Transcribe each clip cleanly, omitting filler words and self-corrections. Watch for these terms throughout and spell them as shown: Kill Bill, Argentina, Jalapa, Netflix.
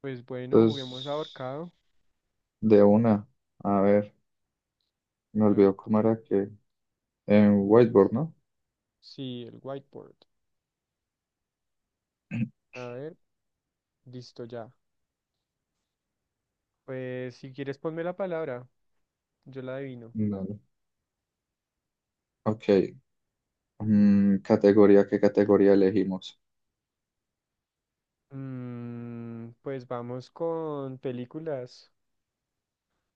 Pues bueno, juguemos Entonces, ahorcado. de una, a ver, me A ver olvidó cómo cómo, era que en cómo whiteboard, es. ¿no? Sí, el whiteboard. A ver, listo ya. Pues si quieres ponme la palabra, yo la adivino. Dale. Ok, categoría, ¿qué categoría elegimos? Pues vamos con películas.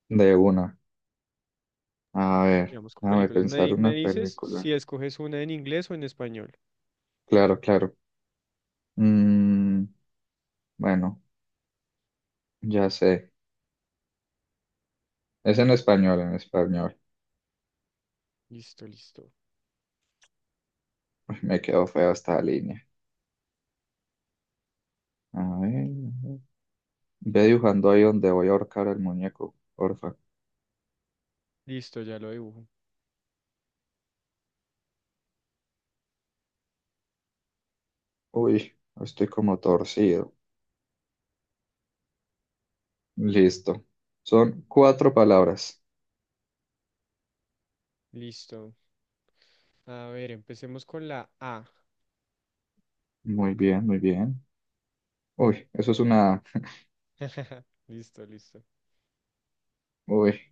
De una, a ver, Digamos con déjame películas. Pensar Me una dices película. si escoges una en inglés o en español. Claro, claro. Mm, bueno, ya sé. Es en español, en español. Listo, listo. Ay, me quedó fea esta línea. A ver, a ver. Ve dibujando ahí donde voy a ahorcar al muñeco, porfa. Listo, ya lo dibujo. Uy, estoy como torcido. Listo. Son cuatro palabras. Listo. A ver, empecemos con la A. Muy bien, muy bien. Uy, eso es una. Listo, listo. Uy,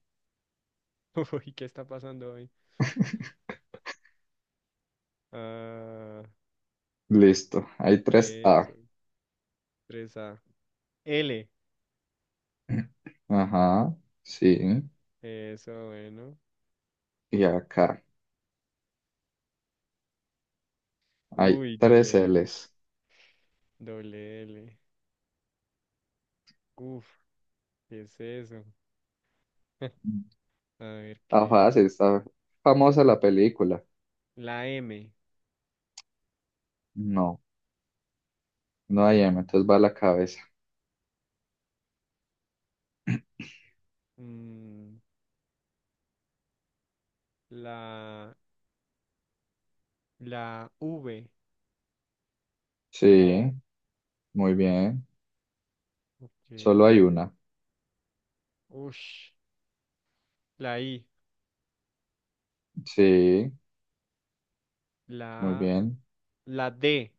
Uy, ¿qué está pasando hoy? Ah, listo. Hay tres A. eso. Tres A. L. Ajá, sí. Eso, bueno. Y acá hay Uy, doble tres L. L's. Doble L. Uf, ¿qué es eso? A ver Está qué. fácil, está famosa la película. La M. No, no hay M, entonces va a la cabeza. mm, la, la V. Sí, muy bien. Ok. Solo hay una. Ush. La I. Sí, muy La, bien. la D.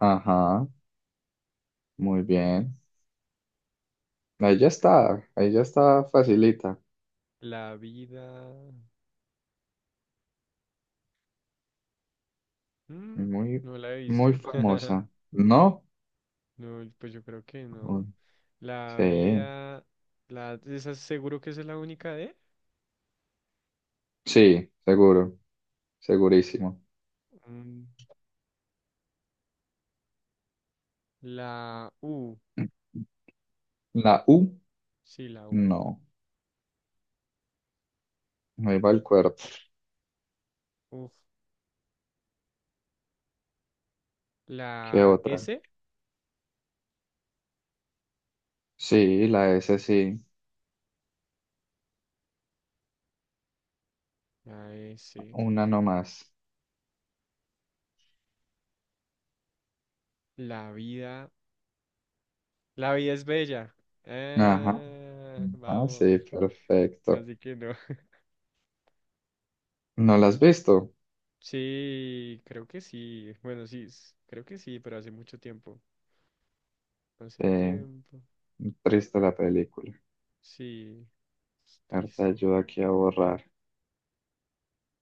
Ajá, muy bien. Ahí ya está facilita. La vida. mm, Muy, no la he muy visto. famosa, ¿no? No, pues yo creo que Uy, no. La sí, vida. ¿Esa seguro que esa es la única D? sí, seguro, segurísimo. Mm, La U. La U, Sí, la U. no. No iba el cuerpo. Uf. ¿Qué La otra? S. Sí, la S sí. La S. Una nomás. La vida. La vida es bella. Ajá. Ah, Ah, sí, vamos. perfecto. Así que no. ¿No la has visto? Sí, creo que sí. Bueno, sí, creo que sí, pero hace mucho tiempo. Hace Sí, tiempo. triste la película. Sí, es A ver, te triste. ayuda aquí a borrar.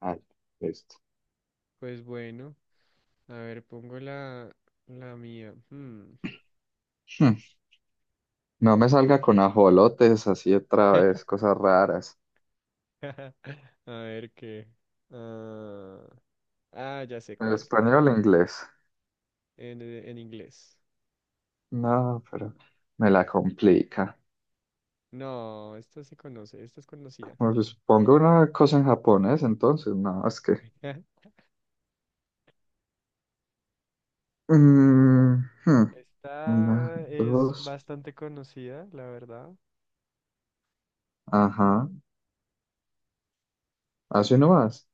Ay, listo. Pues bueno, a ver, pongo la, mía. Hmm. Hmm, No me salga con ajolotes así otra vez, cosas raras. A ver qué. ah, ya sé ¿En cuál. español o inglés? En inglés. No, pero me la complica. No, esta se conoce, esta es conocida. Bueno, pues ponga una cosa en japonés, entonces, no, es que. Mm, hmm. Una, Esta es dos, bastante conocida, la verdad. ajá. Así nomás.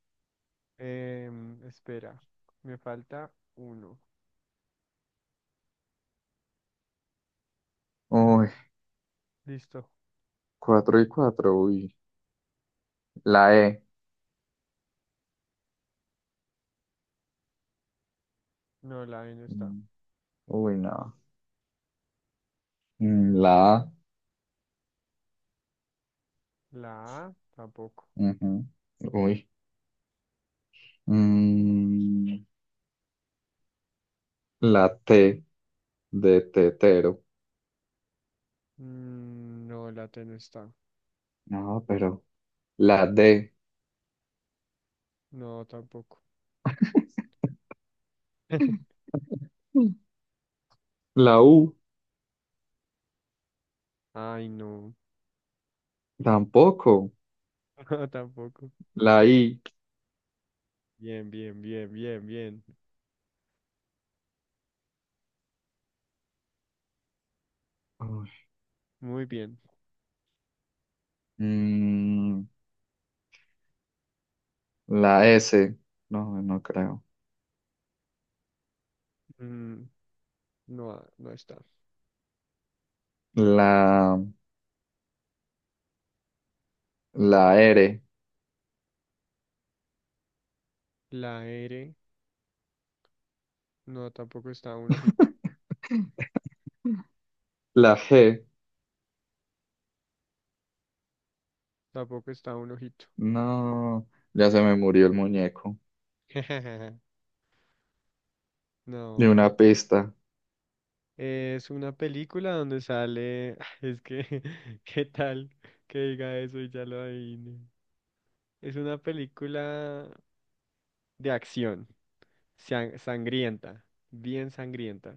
Espera, me falta uno. Uy, Listo. cuatro y cuatro, uy. La E. No, la E no está. Mm, uy, no. La A. La A tampoco. Ujú, uy. Mm, la T de tetero. No, la T no está. No, pero. La D. No, tampoco. La U. Ay, no. Tampoco. Tampoco. La I. Bien, bien, bien, bien, bien. Muy bien. Mm, la S. No, no creo. Mm, no, no está. La, la R. La R, no, tampoco está un ojito. La G. Tampoco está un ojito. No, ya se me murió el muñeco. De una No, pista. es una película donde sale, es que, ¿qué tal que diga eso y ya lo adivine? Es una película de acción, sangrienta, bien sangrienta.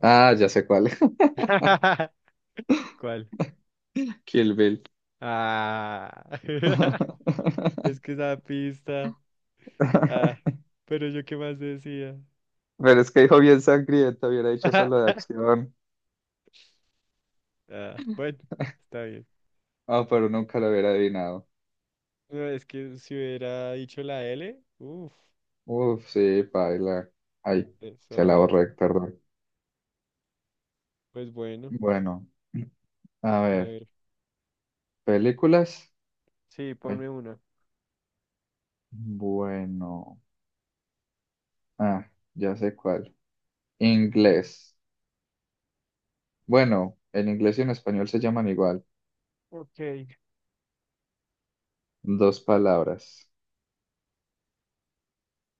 Ah, ya sé cuál. ¿Cuál? Kill Bill. Ah, es que esa pista. Ah, pero yo qué más decía. Pero es que dijo bien sangriento, hubiera dicho solo de acción. Ah, bueno, está bien. Ah, pero nunca lo hubiera adivinado. No, es que si hubiera dicho la L, uff, Uf, sí, paila. Ay, de se la sobra. borré, perdón. Pues bueno. Bueno, a A ver, ver, películas. sí, ponme Ay. una. Bueno, ah, ya sé cuál. Inglés. Bueno, en inglés y en español se llaman igual. Ok. Dos palabras.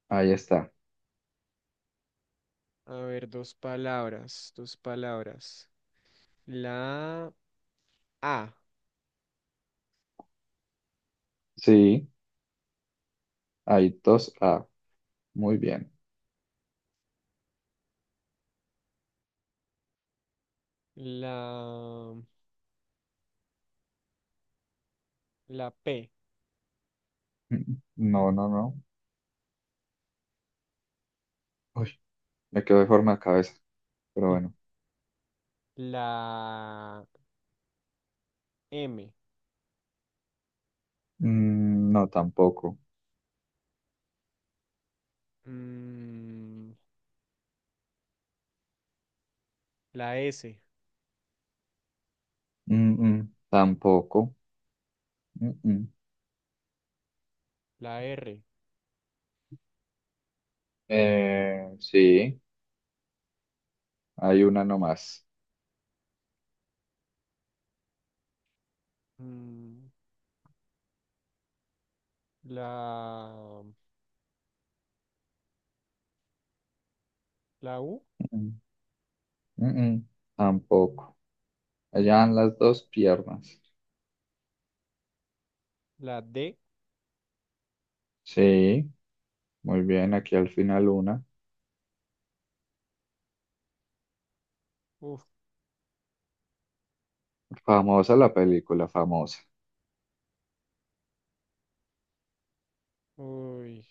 Ahí está. A ver, dos palabras, dos palabras. La A, Sí, hay dos A. Muy bien. la, la P, Mm, no, no, no. Uy, me quedó de forma de cabeza, pero bueno. la M, Mm, no, tampoco. mm, la S, Mm, mm, tampoco. Mm, mm. la R, Sí, hay una nomás. mm, la, la U, Mm, mm, mm, mm, tampoco. Allá van las dos piernas. la D, Sí. Muy bien, aquí al final una. uf, Famosa la película, famosa. uy,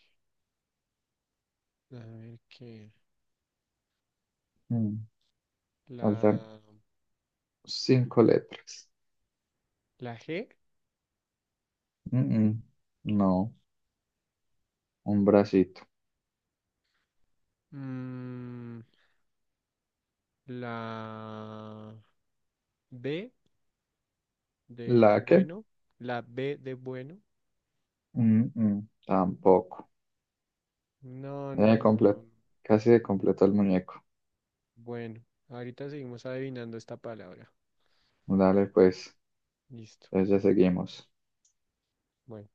a ver qué, Mm, la, Faltan cinco letras. la G, Mm, mm. No, un bracito. mm, la B, de ¿La qué? bueno, la B de bueno. Mm, mm, tampoco. No, no, Eh, no, no. comple- No. Casi completó el muñeco. Bueno, ahorita seguimos adivinando esta palabra. Dale, pues, Listo. entonces ya seguimos. Bueno.